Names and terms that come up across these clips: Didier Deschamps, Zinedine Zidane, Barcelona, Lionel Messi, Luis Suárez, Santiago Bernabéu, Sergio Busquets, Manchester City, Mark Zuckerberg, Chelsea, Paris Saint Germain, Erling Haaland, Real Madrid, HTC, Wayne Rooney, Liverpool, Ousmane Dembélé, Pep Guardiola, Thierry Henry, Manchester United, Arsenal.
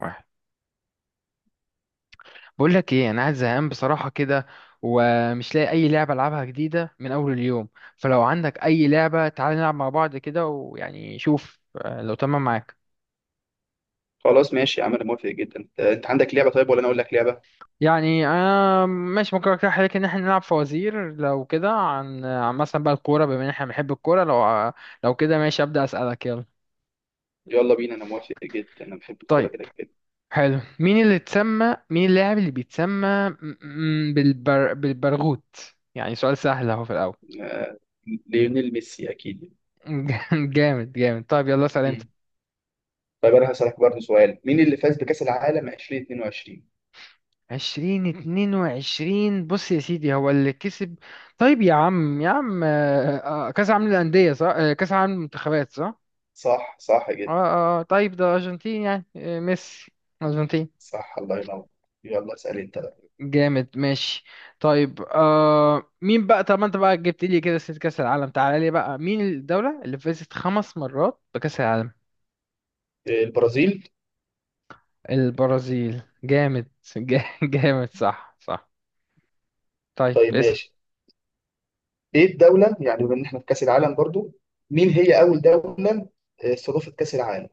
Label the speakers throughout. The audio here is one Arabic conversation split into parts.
Speaker 1: واحد، بقول لك ايه. انا قاعد زهقان بصراحه كده، ومش لاقي اي لعبه العبها جديده من اول اليوم. فلو عندك اي لعبه تعالى نلعب مع بعض كده، ويعني شوف لو تمام معاك.
Speaker 2: خلاص ماشي يا عم، انا موافق جدا. انت عندك لعبه؟ طيب ولا انا اقول لك لعبه؟
Speaker 1: يعني انا ماشي. ممكن اقترح عليك ان احنا نلعب فوازير لو كده، عن مثلا بقى الكوره، بما ان احنا بنحب الكوره. لو كده ماشي ابدا، اسالك يلا.
Speaker 2: يلا بينا، انا موافق جدا، انا بحب الكوره
Speaker 1: طيب،
Speaker 2: كده كده.
Speaker 1: حلو. مين اللاعب اللي بيتسمى بالبرغوت؟ يعني سؤال سهل اهو في الاول.
Speaker 2: آه، ليونيل ميسي اكيد.
Speaker 1: جامد جامد. طيب يلا اسال انت.
Speaker 2: مم. طيب انا هسالك برضه سؤال: مين اللي فاز بكاس العالم 2022؟
Speaker 1: اتنين وعشرين. بص يا سيدي، هو اللي كسب. طيب يا عم يا عم، كأس عالم للأندية؟ صح. كأس عالم المنتخبات، صح.
Speaker 2: صح صح
Speaker 1: اه
Speaker 2: جدا.
Speaker 1: اه، طيب ده أرجنتين يعني، ميسي. أرجنتين.
Speaker 2: صح، الله ينور. يلا اسال انت بقى.
Speaker 1: جامد، ماشي. طيب مين بقى؟ طب ما انت بقى جبت لي كده ست كأس العالم. تعالى لي بقى، مين الدولة اللي فازت 5 مرات بكأس العالم؟
Speaker 2: البرازيل.
Speaker 1: البرازيل. جامد. جامد، صح صح. طيب
Speaker 2: طيب
Speaker 1: اسم،
Speaker 2: ماشي. ايه الدوله، يعني بما ان احنا في كاس العالم برضه، مين هي اول دوله استضافت كاس العالم؟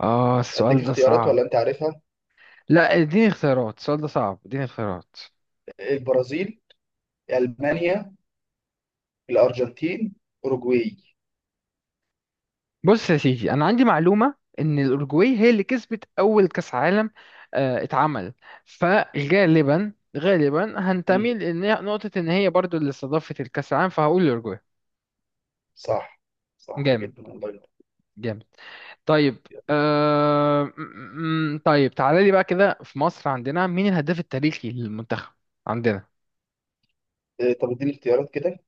Speaker 1: اه
Speaker 2: اديك
Speaker 1: السؤال ده
Speaker 2: اختيارات
Speaker 1: صعب.
Speaker 2: ولا انت عارفها؟
Speaker 1: لا اديني اختيارات، السؤال ده صعب، اديني اختيارات.
Speaker 2: البرازيل، المانيا، الارجنتين، اوروجواي.
Speaker 1: بص يا سيدي، انا عندي معلومه ان الاورجواي هي اللي كسبت اول كاس عالم، آه، اتعمل فغالبا هنتمي لنقطه ان هي برضو اللي استضافت الكاس العالم، فهقول الاورجواي.
Speaker 2: صح، صح
Speaker 1: جامد،
Speaker 2: جدا، الله ينور.
Speaker 1: جامد. طيب، طيب تعالى لي بقى كده في مصر، عندنا مين الهداف التاريخي للمنتخب عندنا؟
Speaker 2: إيه، طب اديني اختيارات كده.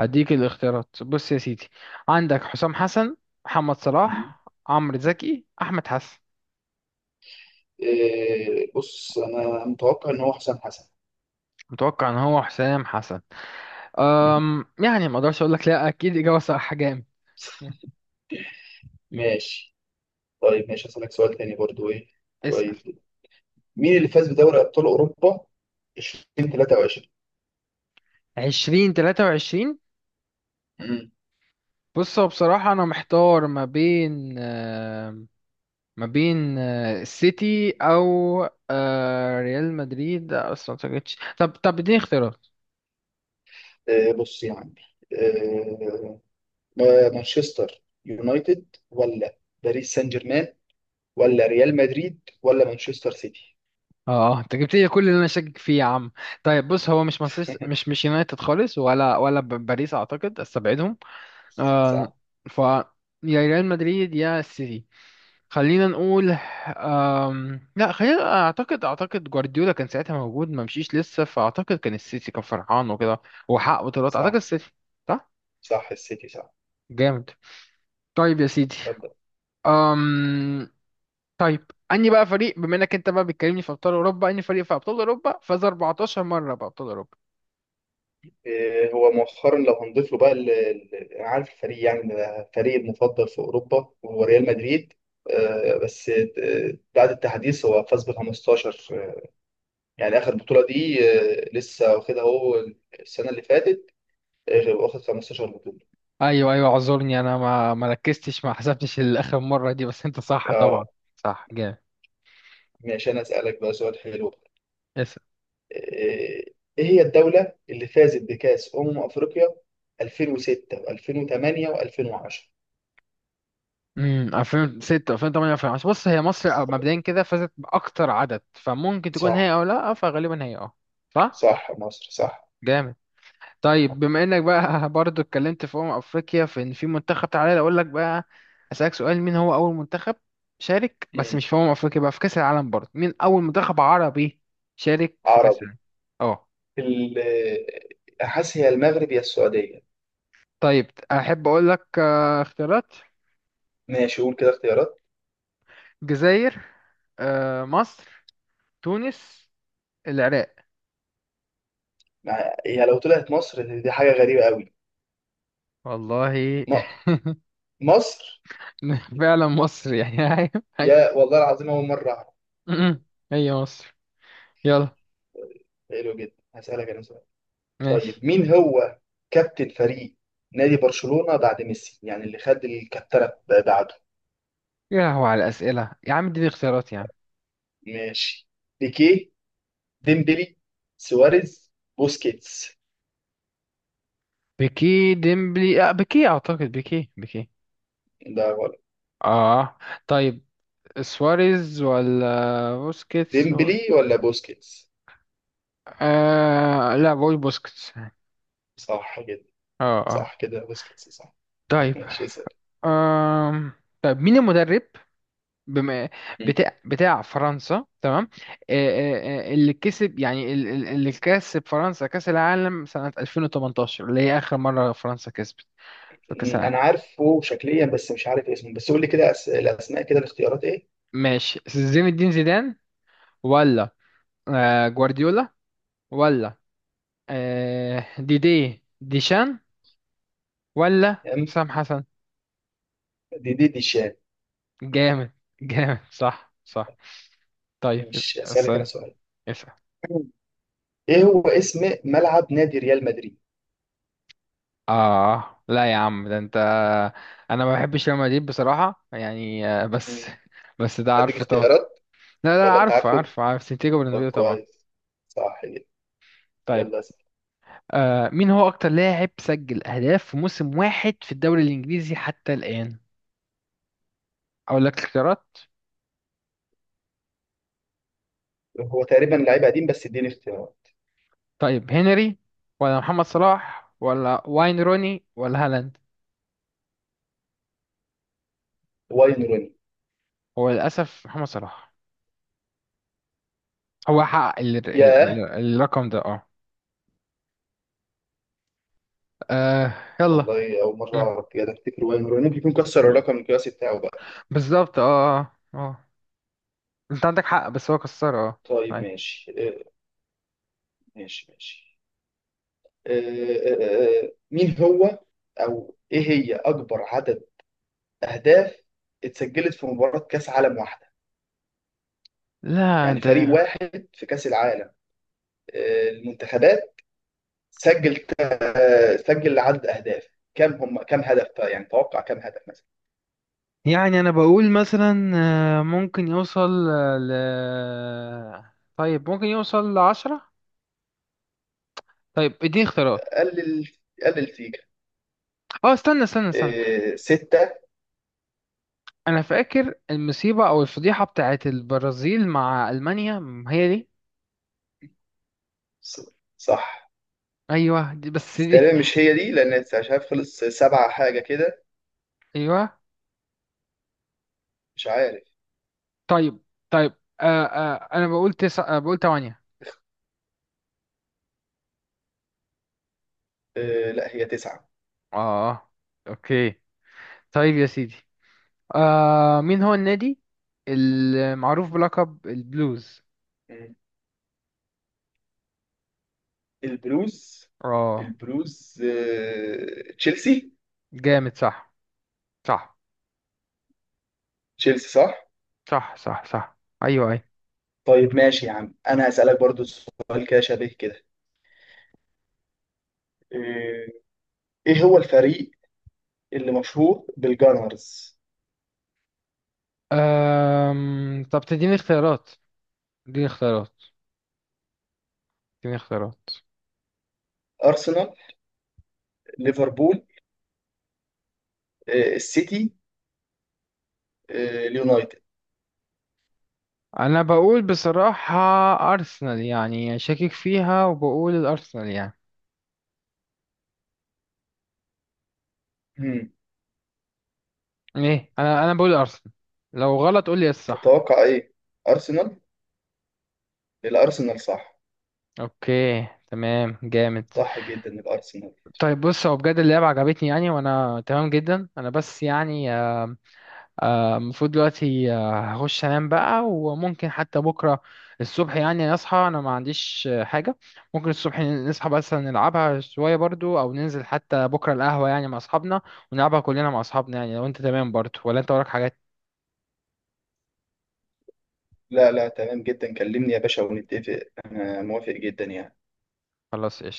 Speaker 1: هديك الاختيارات، بص يا سيدي، عندك حسام حسن، محمد
Speaker 2: مم.
Speaker 1: صلاح، عمرو زكي، احمد حسن.
Speaker 2: إيه، بص انا متوقع ان هو حسام حسن.
Speaker 1: متوقع ان هو حسام حسن.
Speaker 2: مم.
Speaker 1: يعني ما اقدرش اقول لك لا، اكيد اجابه صح. جامد.
Speaker 2: ماشي. طيب ماشي، هسألك سؤال تاني برضو. ايه؟
Speaker 1: اسال.
Speaker 2: كويس جدا. مين اللي فاز بدوري ابطال اوروبا 2023؟
Speaker 1: 20 23.
Speaker 2: مم.
Speaker 1: بص هو بصراحه انا محتار ما بين السيتي او ريال مدريد. اصلا ما جبتش. طب اديني اختيارات.
Speaker 2: بص يا عمي، آه، مانشستر يونايتد ولا باريس سان جيرمان ولا ريال مدريد ولا مانشستر سيتي؟
Speaker 1: اه، انت جبت لي كل اللي انا شاكك فيه يا عم. طيب بص، هو مش مانشستر، مش مش يونايتد خالص، ولا باريس اعتقد استبعدهم. آه،
Speaker 2: صح،
Speaker 1: ف يا ريال مدريد يا السيتي. خلينا نقول، لا خلينا، اعتقد جوارديولا كان ساعتها موجود، ما مشيش لسه، فاعتقد كان السيتي كان فرحان وكده، وحقق بطولات اعتقد
Speaker 2: صح
Speaker 1: السيتي. صح.
Speaker 2: صح السيتي صح.
Speaker 1: جامد. طيب يا سيدي، أم... طيب. اني بقى فريق بما انك انت بقى بتكلمني في ابطال اوروبا، اني فريق في ابطال اوروبا فاز 14 مره بابطال اوروبا.
Speaker 2: إيه، هو مؤخرا لو هنضيف له بقى انا عارف الفريق، يعني ده فريق المفضل في اوروبا وهو ريال مدريد. بس بعد التحديث هو فاز ب 15، يعني اخر بطوله دي لسه واخدها هو السنه اللي فاتت. واخد 15 بطوله.
Speaker 1: ايوه ايوه، اعذرني انا ما ركزتش، ما حسبتش الاخر مره دي، بس انت صح
Speaker 2: اه.
Speaker 1: طبعا. صح. جامد.
Speaker 2: ماشي، انا اسالك بقى سؤال حلو. ايه هي الدوله اللي فازت بكاس افريقيا 2006 و2008 و2010؟
Speaker 1: 2006، 2008، 2010 بص، هي مصر. مبدئيا كده فازت باكتر عدد، فممكن تكون هي
Speaker 2: صح،
Speaker 1: او لا، فغالبا هي، اه. صح.
Speaker 2: صح مصر صح.
Speaker 1: جامد. طيب بما انك بقى برضو اتكلمت في افريقيا، في ان في منتخب، تعالى اقول لك بقى اسالك سؤال. مين هو اول منتخب شارك، بس
Speaker 2: مم.
Speaker 1: مش في افريقيا بقى، في كاس العالم؟ برضو مين اول منتخب عربي شارك في كاس
Speaker 2: عربي.
Speaker 1: العالم؟ اه،
Speaker 2: ال- حاسس هي المغرب يا السعودية.
Speaker 1: طيب احب اقول لك اختيارات.
Speaker 2: ماشي، قول كده اختيارات.
Speaker 1: الجزائر، مصر، تونس، العراق.
Speaker 2: هي لو طلعت مصر دي حاجة غريبة قوي.
Speaker 1: والله.
Speaker 2: م... مصر.
Speaker 1: فعلا مصر يعني. هاي هاي.
Speaker 2: يا والله العظيم، أول مرة أعرف.
Speaker 1: م-م. هي مصر. يلا.
Speaker 2: حلو جدا، هسألك أنا سؤال.
Speaker 1: ماشي.
Speaker 2: طيب مين هو كابتن فريق نادي برشلونة بعد ميسي، يعني اللي خد الكابتنة بعده؟
Speaker 1: يا لهو على الأسئلة يا عم، اديني اختيارات يا عم.
Speaker 2: ماشي: بيكيه، ديمبلي، سواريز، بوسكيتس.
Speaker 1: بيكي، ديمبلي، بيكي أعتقد، بيكي.
Speaker 2: ده غلط.
Speaker 1: اه. طيب سواريز ولا بوسكيتس؟
Speaker 2: ديمبلي ولا بوسكيتس؟
Speaker 1: لا بقول بوسكيتس، اه.
Speaker 2: صح جدا.
Speaker 1: اه.
Speaker 2: صح كده، بوسكيتس صح.
Speaker 1: طيب،
Speaker 2: ماشي اسأل.
Speaker 1: آم. طيب مين المدرب بما بتاع فرنسا؟ تمام. اللي كسب يعني، اللي كسب فرنسا كأس العالم سنة 2018، اللي هي آخر مرة فرنسا كسبت في كأس العالم.
Speaker 2: انا عارفه شكليا بس مش عارف اسمه. بس قول لي كده الاسماء كده، الاختيارات ايه.
Speaker 1: ماشي، زين الدين زيدان، ولا جوارديولا، ولا ديدي ديشان، ولا
Speaker 2: ام
Speaker 1: حسام حسن.
Speaker 2: دي دي دي شان.
Speaker 1: جامد. جامد، صح صح. طيب
Speaker 2: مش اسالك انا
Speaker 1: اسأل.
Speaker 2: سؤال.
Speaker 1: اسأل.
Speaker 2: مم. ايه هو اسم ملعب نادي ريال مدريد؟
Speaker 1: اه لا يا عم، ده انت انا ما بحبش ريال مدريد بصراحه يعني، بس
Speaker 2: م.
Speaker 1: بس ده
Speaker 2: اديك
Speaker 1: عارفه طبعا.
Speaker 2: اختيارات
Speaker 1: لا لا،
Speaker 2: ولا انت
Speaker 1: عارفه
Speaker 2: عارفه؟
Speaker 1: عارفه عارف سانتياغو
Speaker 2: طب
Speaker 1: برنابيو طبعا.
Speaker 2: كويس، صح جدا.
Speaker 1: طيب،
Speaker 2: يلا اسال.
Speaker 1: مين هو اكتر لاعب سجل اهداف في موسم واحد في الدوري الانجليزي حتى الان؟ اقول لك اختيارات.
Speaker 2: هو تقريبا لعيب قديم، بس اديني اختيارات.
Speaker 1: طيب هنري، ولا محمد صلاح، ولا واين روني، ولا هالاند؟
Speaker 2: واين روني.
Speaker 1: هو للاسف محمد صلاح. هو حقق
Speaker 2: ياه،
Speaker 1: الرقم ده، اه. آه، يلا.
Speaker 2: والله اول مره
Speaker 1: مم.
Speaker 2: اعرف كده. افتكر واين روني ممكن يكون كسر الرقم القياسي بتاعه بقى.
Speaker 1: بالظبط. اه اه. انت عندك حق، بس هو كسر، اه.
Speaker 2: طيب
Speaker 1: أيوة.
Speaker 2: ماشي، إيه؟ ماشي ماشي. مين هو، او ايه هي، اكبر عدد اهداف اتسجلت في مباراة كاس عالم واحدة؟
Speaker 1: لا
Speaker 2: يعني
Speaker 1: انت
Speaker 2: فريق واحد في كاس العالم، المنتخبات، سجل عدد اهداف كم، هم كم هدف؟ يعني توقع كم هدف مثلا.
Speaker 1: يعني، انا بقول مثلا ممكن يوصل، آه، ل طيب ممكن يوصل لعشرة. طيب اديني اختيارات.
Speaker 2: قلل قلل سيكا.
Speaker 1: اه، استنى استنى استنى.
Speaker 2: ستة.
Speaker 1: انا فاكر المصيبة او الفضيحة بتاعت البرازيل مع المانيا، هي دي.
Speaker 2: ص- صح.
Speaker 1: ايوه دي، بس
Speaker 2: بس
Speaker 1: دي
Speaker 2: تقريبا مش هي دي، لان مش عارف، خلص سبعة حاجة كده،
Speaker 1: ايوه.
Speaker 2: مش عارف.
Speaker 1: طيب. طيب، انا بقول 9، بقول 8.
Speaker 2: لا، هي تسعة.
Speaker 1: اه. اوكي. طيب يا سيدي، مين هو النادي المعروف بلقب البلوز؟
Speaker 2: البلوز؟
Speaker 1: اه،
Speaker 2: البلوز تشيلسي.
Speaker 1: جامد، صح. صح،
Speaker 2: تشيلسي صح.
Speaker 1: صح. صح. صح، ايوه ايوه.
Speaker 2: طيب ماشي يا عم، انا هسألك برضو سؤال كده شبيه كده. آه، ايه هو الفريق اللي مشهور بالجانرز؟
Speaker 1: طب تديني اختيارات؟ اديني اختيارات، اديني اختيارات.
Speaker 2: ارسنال، ليفربول، السيتي، اليونايتد.
Speaker 1: انا بقول بصراحة ارسنال، يعني شاكك فيها وبقول الارسنال، يعني
Speaker 2: هم،
Speaker 1: ايه، انا بقول ارسنال. لو غلط قول لي إيه الصح.
Speaker 2: تتوقع ايه؟ ارسنال. الارسنال صح.
Speaker 1: اوكي تمام. جامد.
Speaker 2: صح جدا، الارسنال.
Speaker 1: طيب بص، هو بجد اللعبة عجبتني يعني، وانا تمام جدا انا، بس يعني المفروض دلوقتي هخش انام بقى. وممكن حتى بكره الصبح يعني اصحى، انا ما عنديش حاجه، ممكن الصبح نصحى بس نلعبها شويه برضو، او ننزل حتى بكره القهوه يعني مع اصحابنا ونلعبها كلنا مع اصحابنا، يعني لو انت تمام برضو، ولا انت وراك حاجات؟
Speaker 2: لا لا، تمام جدا، كلمني يا باشا ونتفق. انا موافق جدا يعني.
Speaker 1: خلاص، قشطة.